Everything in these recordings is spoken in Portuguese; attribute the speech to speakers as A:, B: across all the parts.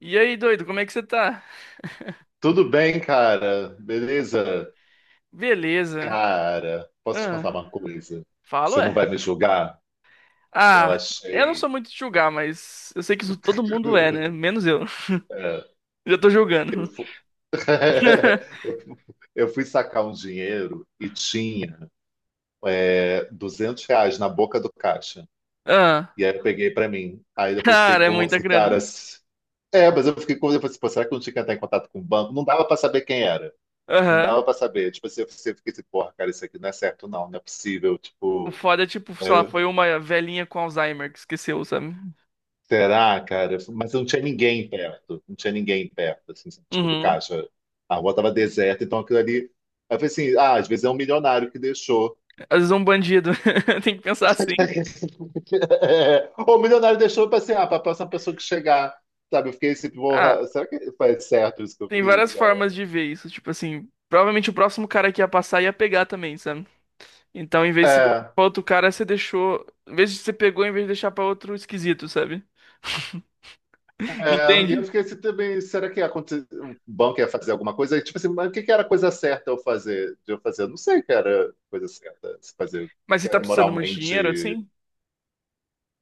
A: E aí, doido, como é que você tá?
B: Tudo bem, cara? Beleza?
A: Beleza.
B: Cara, posso te
A: Ah,
B: contar uma coisa?
A: falo,
B: Você não
A: é.
B: vai me julgar? Eu
A: Ah, eu não
B: achei.
A: sou muito de julgar, mas eu sei que isso todo mundo é, né? Menos eu.
B: É,
A: Já tô
B: eu,
A: julgando.
B: fu- eu, fu- eu fui sacar um dinheiro e tinha 200 reais na boca do caixa.
A: Ah,
B: E aí eu peguei pra mim. Aí depois eu fiquei
A: cara, é
B: como
A: muita
B: assim,
A: grana.
B: cara. É, mas eu fiquei como. Eu falei assim, pô, será que eu não tinha que entrar em contato com o banco? Não dava pra saber quem era. Não
A: Aham.
B: dava pra saber. Tipo assim, eu fiquei assim, porra, cara, isso aqui não é certo, não. Não é possível.
A: O
B: Tipo.
A: foda é tipo, sei lá,
B: é,
A: foi uma velhinha com Alzheimer que esqueceu, sabe?
B: Será, cara? Mas não tinha ninguém perto. Não tinha ninguém perto, assim, tipo, do
A: Uhum.
B: caixa. A rua tava deserta, então aquilo ali. Aí eu falei assim, ah, às vezes é um milionário que deixou.
A: Às vezes é um bandido. Tem que pensar assim.
B: É. Ou o milionário deixou para assim, ah, para a próxima pessoa que chegar. Sabe, eu fiquei assim,
A: Ah,
B: porra, será que foi certo isso que eu
A: tem
B: fiz,
A: várias
B: cara?
A: formas de ver isso. Tipo assim, provavelmente o próximo cara que ia passar ia pegar também, sabe? Então, em vez de você
B: É,
A: pra outro cara, você deixou. Em vez de você pegou, em vez de deixar pra outro esquisito, sabe?
B: e eu
A: Entende?
B: fiquei assim também, será que o banco ia fazer alguma coisa? E, tipo assim, mas o que que era a coisa certa de eu fazer? Eu não sei o que era a coisa certa, se fazer, o que
A: Mas você
B: que
A: tá
B: era
A: precisando muito de dinheiro,
B: moralmente.
A: assim?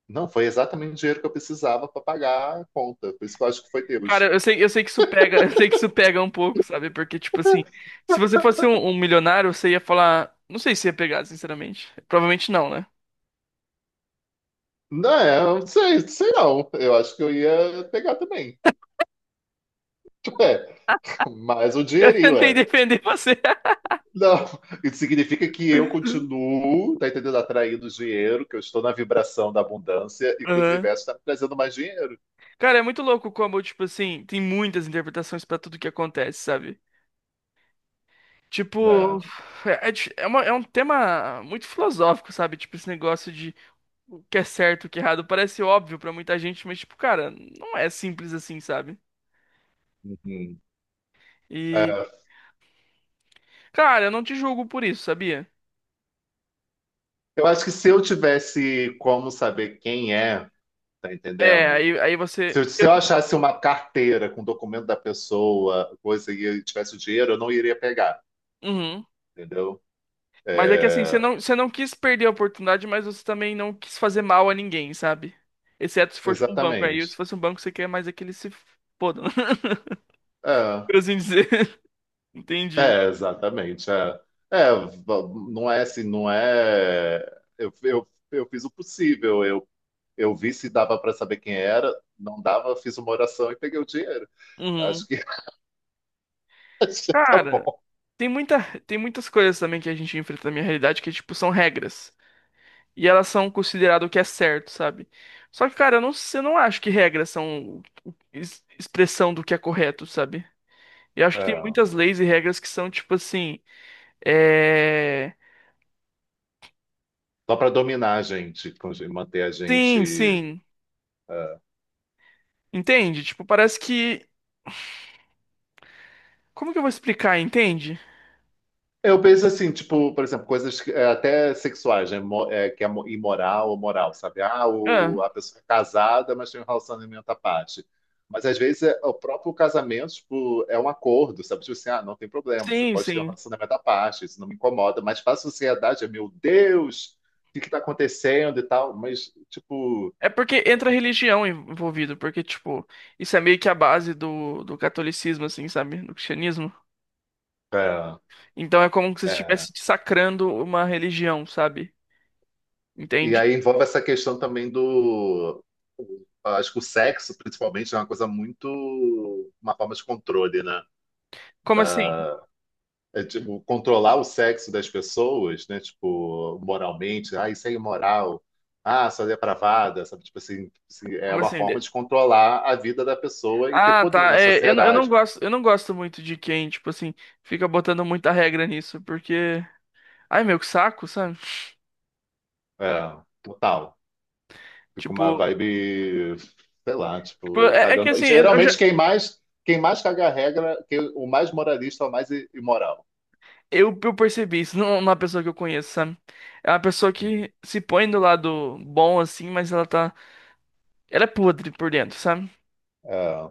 B: Não, foi exatamente o dinheiro que eu precisava para pagar a conta. Por isso que eu acho que foi
A: Cara,
B: Deus.
A: eu sei que isso pega, eu sei que isso pega um pouco, sabe? Porque, tipo assim, se você fosse um milionário, você ia falar. Não sei se ia pegar, sinceramente. Provavelmente não, né?
B: Não, é, eu não sei, sei não. Eu acho que eu ia pegar também. É, mais um
A: Eu
B: dinheirinho,
A: tentei
B: é.
A: defender você.
B: Não, isso significa que eu continuo, tá entendendo? Atraindo dinheiro, que eu estou na vibração da abundância e que o
A: Aham.
B: universo está me trazendo mais dinheiro.
A: Cara, é muito louco como, tipo assim, tem muitas interpretações pra tudo que acontece, sabe? Tipo,
B: É,
A: é, é um tema muito filosófico, sabe? Tipo, esse negócio de o que é certo, o que é errado, parece óbvio pra muita gente, mas, tipo, cara, não é simples assim, sabe?
B: uhum.
A: E,
B: É,
A: cara, eu não te julgo por isso, sabia?
B: eu acho que se eu tivesse como saber quem é, tá
A: É,
B: entendendo?
A: aí
B: Se
A: você.
B: eu, se eu achasse uma carteira com documento da pessoa, coisa e eu tivesse o dinheiro, eu não iria pegar,
A: Uhum.
B: entendeu?
A: Mas é que é, assim,
B: É,
A: você não quis perder a oportunidade, mas você também não quis fazer mal a ninguém, sabe? Exceto se for tipo, um banco. Aí, se
B: exatamente.
A: fosse um banco, você quer mais aquele se fodam,
B: É,
A: por assim dizer. Entendi.
B: exatamente. É, É, v- não é assim, não é. Eu fiz o possível. Eu vi se dava para saber quem era, não dava, fiz uma oração e peguei o dinheiro. Acho
A: Uhum.
B: que, acho que tá
A: Cara.
B: bom.
A: Tem muita, tem muitas coisas também que a gente enfrenta na minha realidade que, tipo, são regras. E elas são consideradas o que é certo, sabe? Só que, cara, eu não acho que regras são expressão do que é correto, sabe? Eu acho que tem
B: É,
A: muitas leis e regras que são, tipo assim. É.
B: só para dominar a gente, manter a
A: Sim,
B: gente.
A: sim.
B: é,
A: Entende? Tipo, parece que. Como que eu vou explicar, entende?
B: Eu penso assim, tipo, por exemplo, coisas é, até sexuais, né? É, que é imoral ou moral, sabe? Ah, o,
A: Ah,
B: a pessoa é casada, mas tem um relacionamento à parte. Mas às vezes o próprio casamento, tipo, é um acordo, sabe? Tipo assim, ah, não tem problema, você
A: sim,
B: pode ter um
A: sim.
B: relacionamento à parte, isso não me incomoda, mas para a sociedade, é, meu Deus, o que está acontecendo e tal. Mas, tipo,
A: É porque entra religião envolvido, porque, tipo, isso é meio que a base do catolicismo, assim, sabe? Do cristianismo.
B: é,
A: Então é como se você
B: é,
A: estivesse sacrando uma religião, sabe?
B: e
A: Entende?
B: aí envolve essa questão também do. Acho que o sexo, principalmente, é uma coisa muito. Uma forma de controle, né?
A: Como assim?
B: Da- é, tipo, controlar o sexo das pessoas, né? Tipo, moralmente. Ah, isso é imoral. Ah, só é depravada, sabe? Tipo assim, assim, é
A: Como
B: uma
A: assim?
B: forma de controlar a vida da pessoa e ter
A: Ah,
B: poder
A: tá.
B: na
A: É,
B: sociedade.
A: eu não gosto muito de quem, tipo assim, fica botando muita regra nisso, porque. Ai, meu, que saco, sabe?
B: É, total. Fica uma
A: Tipo,
B: vibe, sei lá,
A: tipo,
B: tipo,
A: é, é que
B: cagando. E
A: assim, eu já.
B: geralmente quem mais caga a regra, quem, o mais moralista é o mais imoral.
A: Eu percebi isso não é pessoa que eu conheço, sabe? É uma pessoa que se põe do lado bom, assim, mas ela tá. Ela é podre por dentro, sabe?
B: É,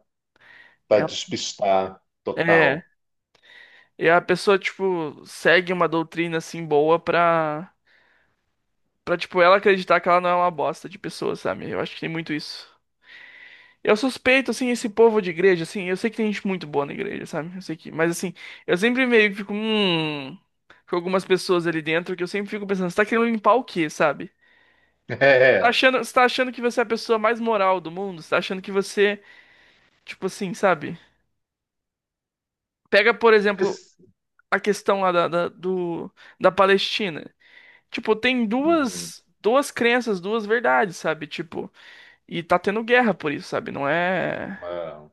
B: para
A: É,
B: despistar
A: é,
B: total.
A: e a pessoa, tipo, segue uma doutrina assim boa pra. Pra, tipo, ela acreditar que ela não é uma bosta de pessoa, sabe? Eu acho que tem muito isso. Eu suspeito, assim, esse povo de igreja, assim, eu sei que tem gente muito boa na igreja, sabe? Eu sei que, mas assim, eu sempre meio que fico, com algumas pessoas ali dentro que eu sempre fico pensando, você tá querendo limpar o quê, sabe?
B: É.
A: Você tá achando que você é a pessoa mais moral do mundo? Você tá achando que você, tipo assim, sabe? Pega, por exemplo,
B: Esse-
A: a questão lá da Palestina. Tipo, tem
B: Uhum.
A: duas crenças, duas verdades, sabe? Tipo, e tá tendo guerra por isso, sabe? Não é.
B: É,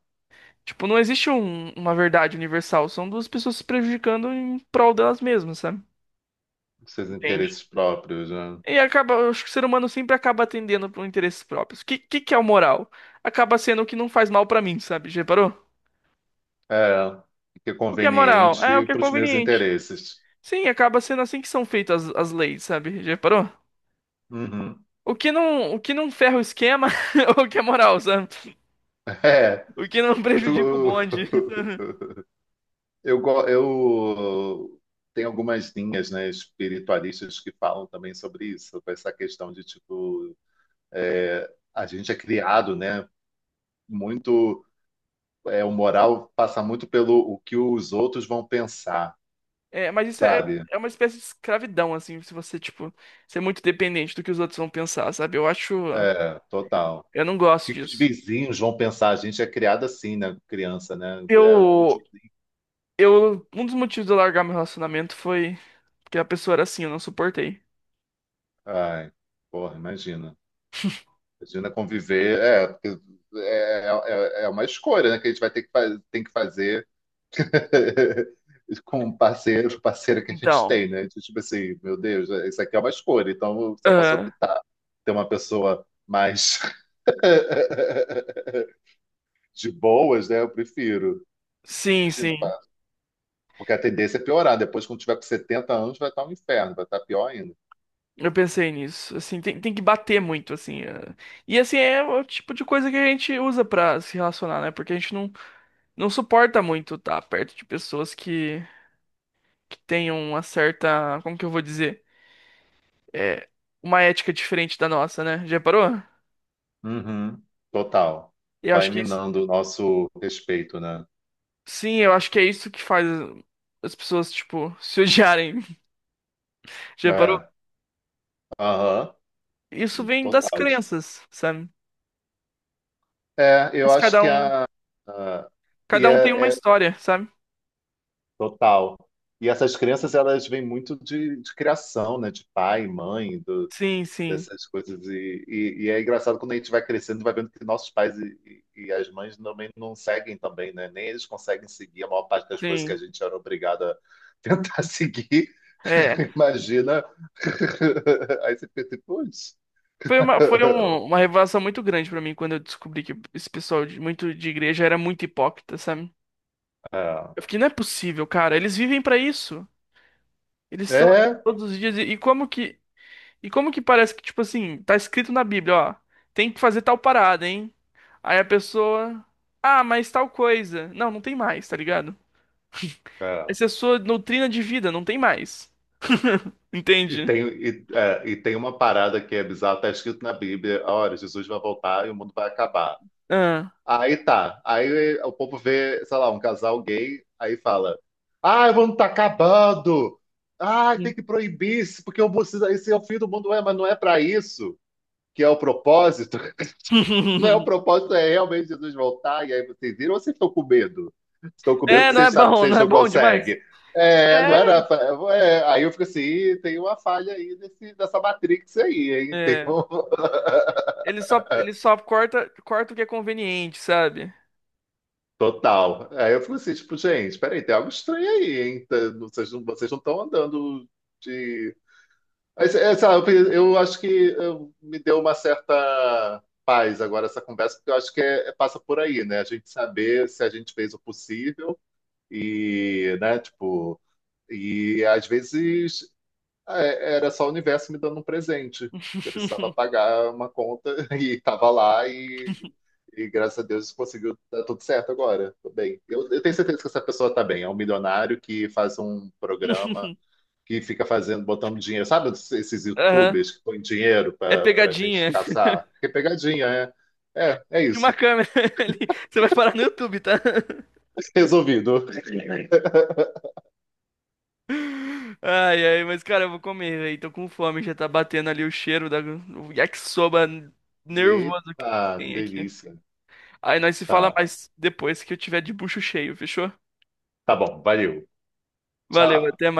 A: Tipo, não existe uma verdade universal. São duas pessoas se prejudicando em prol delas mesmas, sabe?
B: seus
A: Entende?
B: interesses próprios, né?
A: E acaba, eu acho que o ser humano sempre acaba atendendo por interesses próprios. O que é o moral? Acaba sendo o que não faz mal pra mim, sabe? Já reparou?
B: É, que é
A: O que é moral? É o
B: conveniente
A: que é
B: para os meus
A: conveniente.
B: interesses.
A: Sim, acaba sendo assim que são feitas as leis, sabe? Já reparou?
B: Uhum.
A: O que não ferra o esquema, é o que é moral, sabe?
B: É,
A: O que não
B: eu fico.
A: prejudica o bonde.
B: Eu tenho algumas linhas, né, espiritualistas que falam também sobre isso, sobre essa questão de, tipo, a gente é criado, né, muito, é, o moral passa muito pelo o que os outros vão pensar,
A: É, mas isso é,
B: sabe?
A: é uma espécie de escravidão, assim, se você, tipo, ser muito dependente do que os outros vão pensar, sabe? Eu acho.
B: É, total. O
A: Eu não gosto
B: que que os
A: disso.
B: vizinhos vão pensar? A gente é criado assim, né, criança, né? É, o que os
A: Eu.
B: vizinhos...
A: Eu. Um dos motivos de eu largar meu relacionamento foi porque a pessoa era assim, eu não suportei.
B: Ai, porra, imagina. Imagina conviver, é, porque é, é uma escolha, né, que a gente vai ter que, tem que fazer com o parceiro, parceira que a gente
A: Então.
B: tem, né? De, tipo assim, meu Deus, é, isso aqui é uma escolha. Então, se eu posso
A: Aham,
B: optar ter uma pessoa mais de boas, né? Eu prefiro.
A: sim,
B: Imagina, pá,
A: sim.
B: porque a tendência é piorar. Depois, quando tiver com 70 anos, vai estar um inferno, vai estar pior ainda.
A: Eu pensei nisso. Assim, tem que bater muito, assim. Ah. E assim, é o tipo de coisa que a gente usa pra se relacionar, né? Porque a gente não, não suporta muito estar perto de pessoas que tenham uma certa. Como que eu vou dizer? É, uma ética diferente da nossa, né? Já parou?
B: Uhum. Total.
A: Eu
B: Vai
A: acho que isso-
B: minando o nosso respeito, né?
A: Sim, eu acho que é isso que faz as pessoas, tipo, se odiarem. Já parou?
B: É. Aham.
A: Isso vem das
B: Total.
A: crenças, sabe?
B: É, eu
A: Mas
B: acho que e
A: cada um tem uma
B: é, é
A: história, sabe?
B: total. E essas crenças, elas vêm muito de criação, né? De pai, mãe,
A: Sim, sim,
B: dessas coisas. E é engraçado quando a gente vai crescendo, vai vendo que nossos pais e as mães também não seguem também, né? Nem eles conseguem seguir a maior parte das coisas que
A: sim.
B: a gente era obrigado a tentar seguir.
A: É.
B: Imagina. Aí você pensa, putz.
A: Foi uma, uma revelação muito grande pra mim quando eu descobri que esse pessoal muito de igreja era muito hipócrita, sabe?
B: É,
A: Eu fiquei, não é possível, cara. Eles vivem pra isso. Eles estão aqui
B: é.
A: todos os dias. E como que parece que, tipo assim, tá escrito na Bíblia, ó, tem que fazer tal parada, hein? Aí a pessoa, ah, mas tal coisa. Não, não tem mais, tá ligado?
B: é.
A: Essa é a sua doutrina de vida, não tem mais.
B: E
A: Entende?
B: tem, e tem uma parada que é bizarra, está escrito na Bíblia, olha, Jesus vai voltar e o mundo vai acabar.
A: Ah.
B: Aí tá. Aí o povo vê, sei lá, um casal gay, aí fala: Ah, o mundo tá acabando! Ah, tem
A: Sim.
B: que proibir isso, porque esse é o fim do mundo, é, mas não é pra isso que é o propósito. Não é o propósito, é realmente Jesus voltar, e aí vocês viram, ou vocês estão com medo? Estão com medo
A: É,
B: que
A: não é
B: vocês sabem que
A: bom, não
B: vocês
A: é
B: não
A: bom demais.
B: conseguem. É, não
A: É.
B: era. É, aí eu fico assim, "Ih, tem uma falha aí nesse, nessa Matrix aí, hein? Tem
A: É.
B: um...
A: Ele só corta, corta o que é conveniente, sabe?
B: Total. Aí eu fico assim, tipo, gente, peraí, tem algo estranho aí, hein? Vocês não estão andando de. Mas, é, sei lá, eu, eu acho que me deu uma certa paz agora essa conversa, porque eu acho que passa por aí, né? A gente saber se a gente fez o possível e, né, tipo, e às vezes é, era só o universo me dando um presente. Eu precisava pagar uma conta e estava lá e graças a Deus conseguiu dar tudo certo agora. Tô bem. Eu tenho certeza que essa pessoa tá bem. É um milionário que faz um programa que fica fazendo, botando dinheiro. Sabe esses
A: Aham.
B: YouTubers que põem dinheiro
A: É
B: pra gente
A: pegadinha.
B: caçar? Que é pegadinha, é. É, é
A: Tinha uma
B: isso.
A: câmera ali. Você vai parar no YouTube, tá?
B: Resolvido.
A: Ai, ai, mas cara, eu vou comer, velho. Tô com fome, já tá batendo ali o cheiro da o yakisoba nervoso que
B: Eita,
A: tem aqui.
B: delícia.
A: Aí nós se fala
B: Tá.
A: mais depois que eu tiver de bucho cheio, fechou?
B: Tá bom, valeu.
A: Valeu,
B: Tchau.
A: até mais.